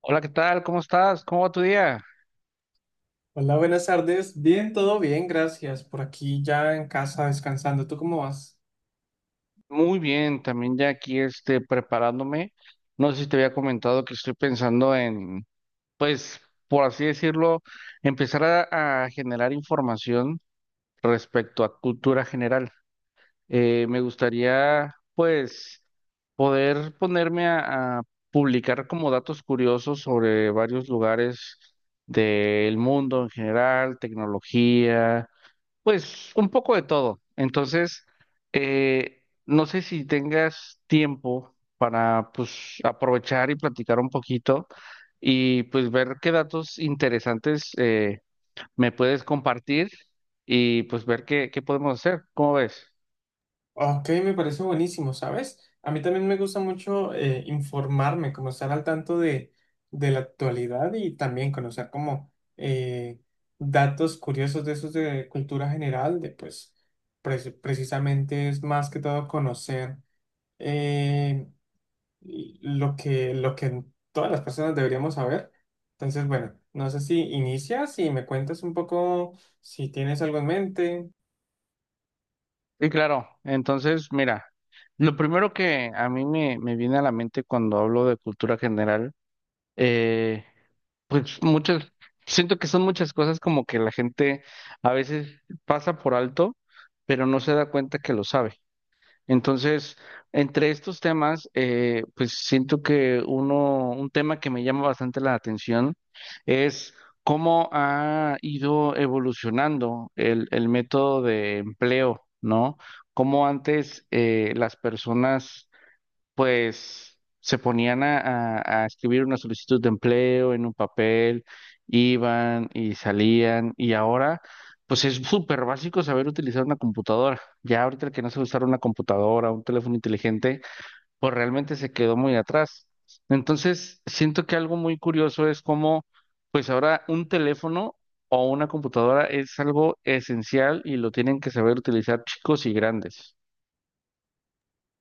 Hola, ¿qué tal? ¿Cómo estás? ¿Cómo va tu día? Hola, buenas tardes. Bien, todo bien, gracias. Por aquí ya en casa descansando. ¿Tú cómo vas? Muy bien, también ya aquí preparándome. No sé si te había comentado que estoy pensando en, pues, por así decirlo, empezar a generar información respecto a cultura general. Me gustaría, pues, poder ponerme a publicar como datos curiosos sobre varios lugares del mundo en general, tecnología. Pues un poco de todo. Entonces, no sé si tengas tiempo para pues aprovechar y platicar un poquito y pues ver qué datos interesantes me puedes compartir y pues ver qué podemos hacer. ¿Cómo ves? Ok, me parece buenísimo, ¿sabes? A mí también me gusta mucho informarme, como estar al tanto de la actualidad y también conocer como eh, datos curiosos de esos de cultura general, de pues precisamente es más que todo conocer. eh, y lo que todas las personas deberíamos saber. Entonces, bueno, no sé si inicias y me cuentas un poco si tienes algo en mente. Sí, claro, entonces mira, lo primero que a mí me viene a la mente cuando hablo de cultura general, pues muchas, siento que son muchas cosas como que la gente a veces pasa por alto, pero no se da cuenta que lo sabe. Entonces, entre estos temas, pues siento que uno, un tema que me llama bastante la atención es cómo ha ido evolucionando el método de empleo, ¿no? Cómo antes las personas pues se ponían a escribir una solicitud de empleo en un papel, iban y salían, y ahora, pues es súper básico saber utilizar una computadora. Ya ahorita el que no sabe usar una computadora, un teléfono inteligente, pues realmente se quedó muy atrás. Entonces, siento que algo muy curioso es cómo, pues ahora un teléfono o una computadora es algo esencial y lo tienen que saber utilizar chicos y grandes.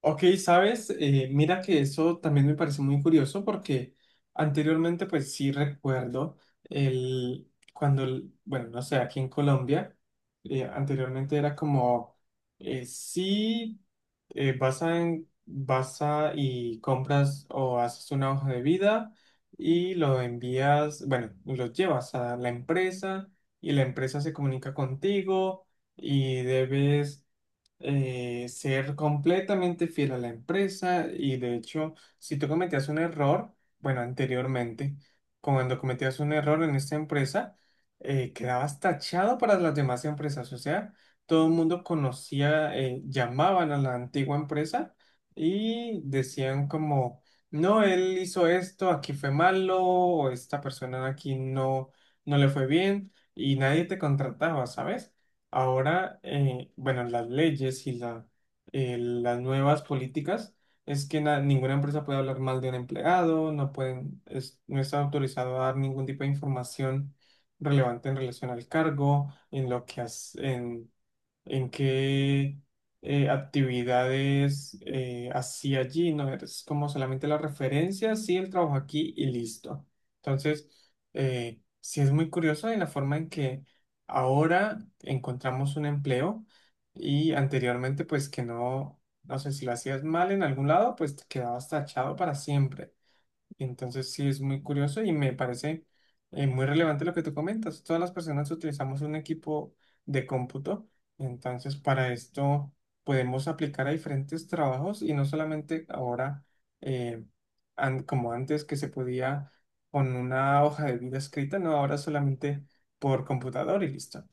Ok, sabes, mira que eso también me parece muy curioso porque anteriormente pues sí recuerdo bueno, no sé, aquí en Colombia, anteriormente era como, sí, vas a, vas a y compras o haces una hoja de vida y lo envías, bueno, lo llevas a la empresa y la empresa se comunica contigo y debes ser completamente fiel a la empresa. Y de hecho, si tú cometías un error, bueno, anteriormente, cuando cometías un error en esta empresa, quedabas tachado para las demás empresas. O sea, todo el mundo conocía, llamaban a la antigua empresa y decían como, no, él hizo esto, aquí fue malo, o esta persona aquí no, no le fue bien y nadie te contrataba, ¿sabes? Ahora, bueno, las leyes las nuevas políticas es que ninguna empresa puede hablar mal de un empleado, no pueden, no está autorizado a dar ningún tipo de información relevante en relación al cargo, en lo que ¿en qué actividades hacía allí? No es como solamente la referencia, sí, el trabajo aquí y listo. Entonces, sí es muy curioso en la forma en que ahora encontramos un empleo, y anteriormente, pues que no, no sé si lo hacías mal en algún lado, pues te quedabas tachado para siempre. Entonces sí es muy curioso y me parece muy relevante lo que tú comentas. Todas las personas utilizamos un equipo de cómputo, entonces para esto podemos aplicar a diferentes trabajos y no solamente ahora eh, como antes que se podía con una hoja de vida escrita, no, ahora solamente por computador y listo.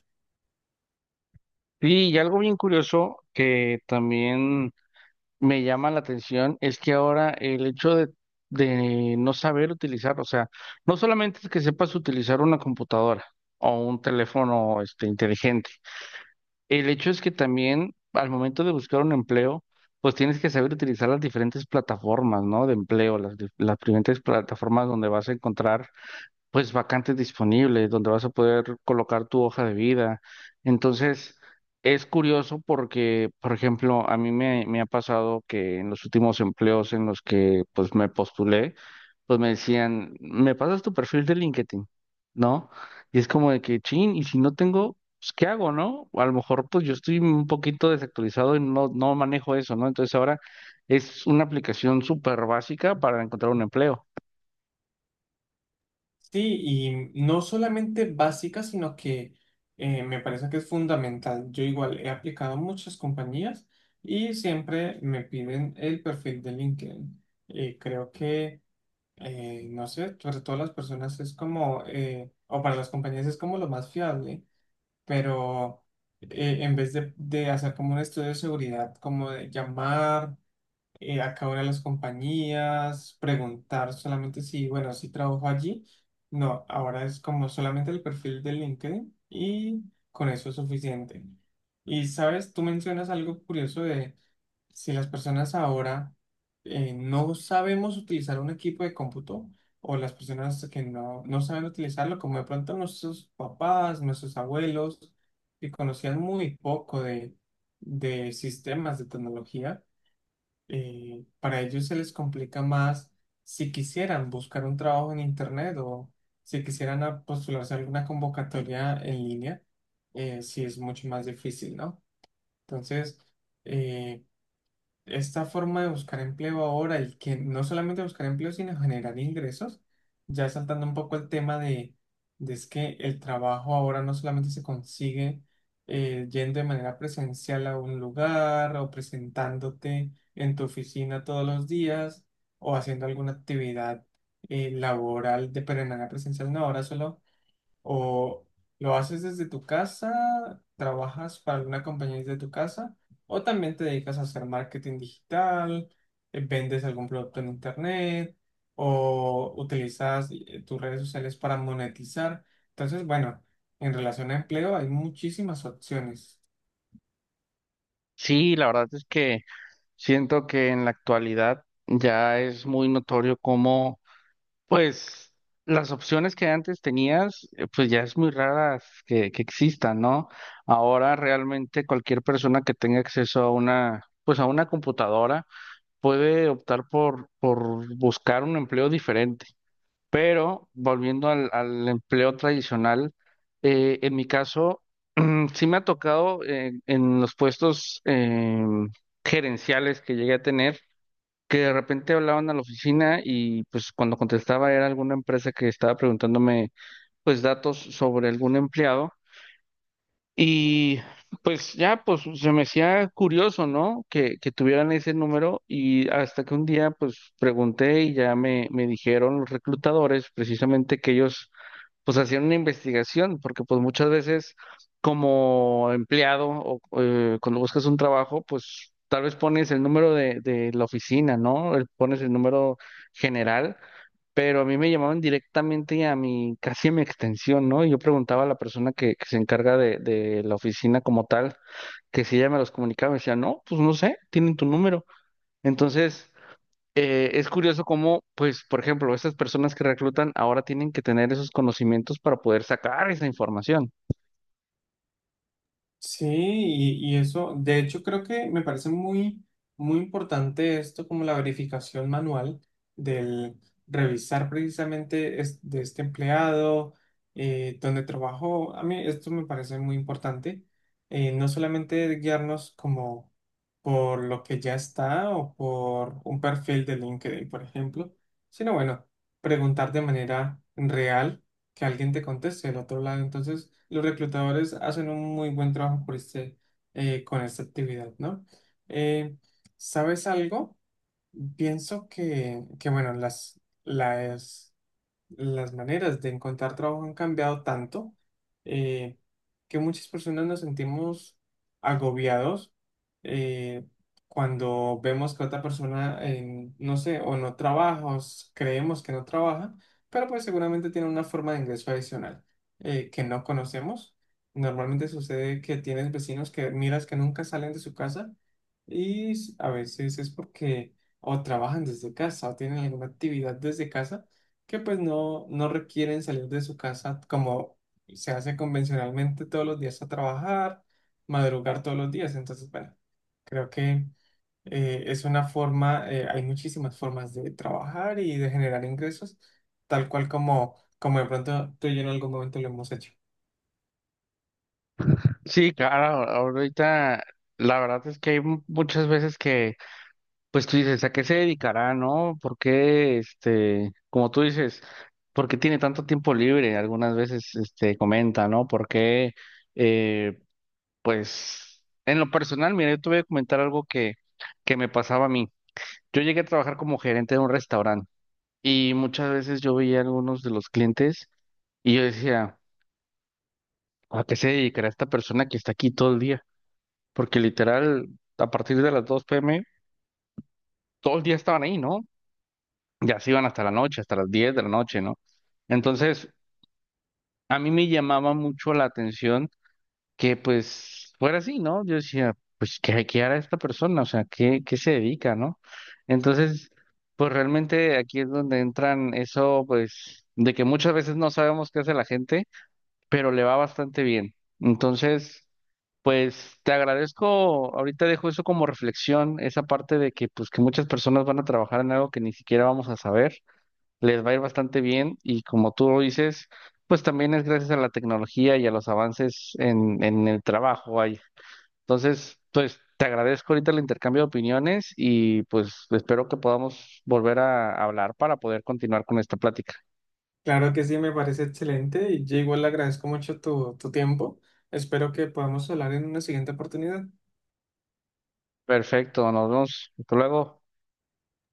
Sí, y algo bien curioso que también me llama la atención es que ahora el hecho de, no saber utilizar, o sea, no solamente es que sepas utilizar una computadora o un teléfono inteligente, el hecho es que también al momento de buscar un empleo, pues tienes que saber utilizar las diferentes plataformas, ¿no? De empleo, las diferentes plataformas donde vas a encontrar pues vacantes disponibles donde vas a poder colocar tu hoja de vida. Entonces, es curioso porque, por ejemplo, a mí me ha pasado que en los últimos empleos en los que pues me postulé, pues me decían, ¿me pasas tu perfil de LinkedIn? ¿No? Y es como de que, chin, y si no tengo, pues, ¿qué hago? ¿No? A lo mejor, pues yo estoy un poquito desactualizado y no manejo eso, ¿no? Entonces ahora es una aplicación súper básica para encontrar un empleo. Sí, y no solamente básica, sino que me parece que es fundamental. Yo igual he aplicado a muchas compañías y siempre me piden el perfil de LinkedIn. Y creo que, no sé, sobre todo las personas es como, o para las compañías es como lo más fiable, pero en vez de hacer como un estudio de seguridad, como de llamar a cada una de las compañías, preguntar solamente si, bueno, si trabajo allí. No, ahora es como solamente el perfil de LinkedIn y con eso es suficiente. Y sabes, tú mencionas algo curioso de si las personas ahora no sabemos utilizar un equipo de cómputo, o las personas que no, no saben utilizarlo, como de pronto nuestros papás, nuestros abuelos, que conocían muy poco de sistemas de tecnología. Para ellos se les complica más si quisieran buscar un trabajo en internet, o si quisieran postularse a alguna convocatoria en línea. Sí es mucho más difícil, ¿no? Entonces, eh, esta forma de buscar empleo ahora, y que no solamente buscar empleo, sino generar ingresos, ya saltando un poco el tema de, es que el trabajo ahora no solamente se consigue yendo de manera presencial a un lugar o presentándote en tu oficina todos los días o haciendo alguna actividad laboral, de pero de manera presencial, no, ahora solo o lo haces desde tu casa, trabajas para alguna compañía desde tu casa, o también te dedicas a hacer marketing digital, vendes algún producto en internet, o utilizas tus redes sociales para monetizar. Entonces, bueno, en relación a empleo hay muchísimas opciones. Sí, la verdad es que siento que en la actualidad ya es muy notorio cómo, pues, las opciones que antes tenías, pues ya es muy raras que existan, ¿no? Ahora realmente cualquier persona que tenga acceso a una, pues a una computadora puede optar por buscar un empleo diferente. Pero volviendo al empleo tradicional, en mi caso, sí me ha tocado en los puestos gerenciales que llegué a tener que de repente hablaban a la oficina y pues cuando contestaba era alguna empresa que estaba preguntándome pues datos sobre algún empleado y pues ya pues se me hacía curioso, ¿no? Que tuvieran ese número y hasta que un día pues pregunté y ya me dijeron los reclutadores precisamente que ellos pues hacer una investigación, porque pues muchas veces como empleado o cuando buscas un trabajo, pues tal vez pones el número de, la oficina, ¿no? Pones el número general, pero a mí me llamaban directamente a mi, casi a mi extensión, ¿no? Y yo preguntaba a la persona que se encarga de, la oficina como tal, que si ella me los comunicaba, me decía, no, pues no sé, tienen tu número. Entonces es curioso cómo, pues, por ejemplo, estas personas que reclutan ahora tienen que tener esos conocimientos para poder sacar esa información. Sí, y eso, de hecho creo que me parece muy importante esto, como la verificación manual del revisar precisamente de este empleado, donde trabajó. A mí esto me parece muy importante, no solamente guiarnos como por lo que ya está o por un perfil de LinkedIn, por ejemplo, sino bueno, preguntar de manera real que alguien te conteste del otro lado. Entonces, los reclutadores hacen un muy buen trabajo por este, con esta actividad, ¿no? Eh, ¿Sabes algo? Pienso que bueno, las maneras de encontrar trabajo han cambiado tanto eh, que muchas personas nos sentimos agobiados eh, cuando vemos que otra persona, no sé, o no trabaja, o creemos que no trabaja, pero pues seguramente tiene una forma de ingreso adicional que no conocemos. Normalmente sucede que tienes vecinos que miras que nunca salen de su casa, y a veces es porque o trabajan desde casa o tienen alguna actividad desde casa que pues no, no requieren salir de su casa como se hace convencionalmente todos los días a trabajar, madrugar todos los días. Entonces, bueno, creo que es una forma, hay muchísimas formas de trabajar y de generar ingresos, tal cual como, como de pronto tú y yo en algún momento lo hemos hecho. Sí, claro, ahorita la verdad es que hay muchas veces que, pues tú dices, ¿a qué se dedicará? ¿No? ¿Por qué, este, como tú dices, por qué tiene tanto tiempo libre? Algunas veces, este, comenta, ¿no? ¿Por qué, eh, pues, en lo personal, mira, yo te voy a comentar algo que me pasaba a mí. Yo llegué a trabajar como gerente de un restaurante. Y muchas veces yo veía a algunos de los clientes y yo decía, ¿a qué se dedicará esta persona que está aquí todo el día? Porque literal, a partir de las 2 p.m., todo el día estaban ahí, ¿no? Ya se iban hasta la noche, hasta las 10 de la noche, ¿no? Entonces, a mí me llamaba mucho la atención que pues fuera así, ¿no? Yo decía, pues, ¿qué hará esta persona? O sea, ¿qué se dedica? ¿No? Entonces, pues realmente aquí es donde entran eso, pues, de que muchas veces no sabemos qué hace la gente pero le va bastante bien. Entonces, pues te agradezco, ahorita dejo eso como reflexión, esa parte de que pues que muchas personas van a trabajar en algo que ni siquiera vamos a saber, les va a ir bastante bien y como tú lo dices, pues también es gracias a la tecnología y a los avances en el trabajo ahí. Entonces, pues te agradezco ahorita el intercambio de opiniones y pues espero que podamos volver a hablar para poder continuar con esta plática. Claro que sí, me parece excelente y yo igual le agradezco mucho tu tiempo. Espero que podamos hablar en una siguiente oportunidad. Perfecto, nos vemos. Hasta luego.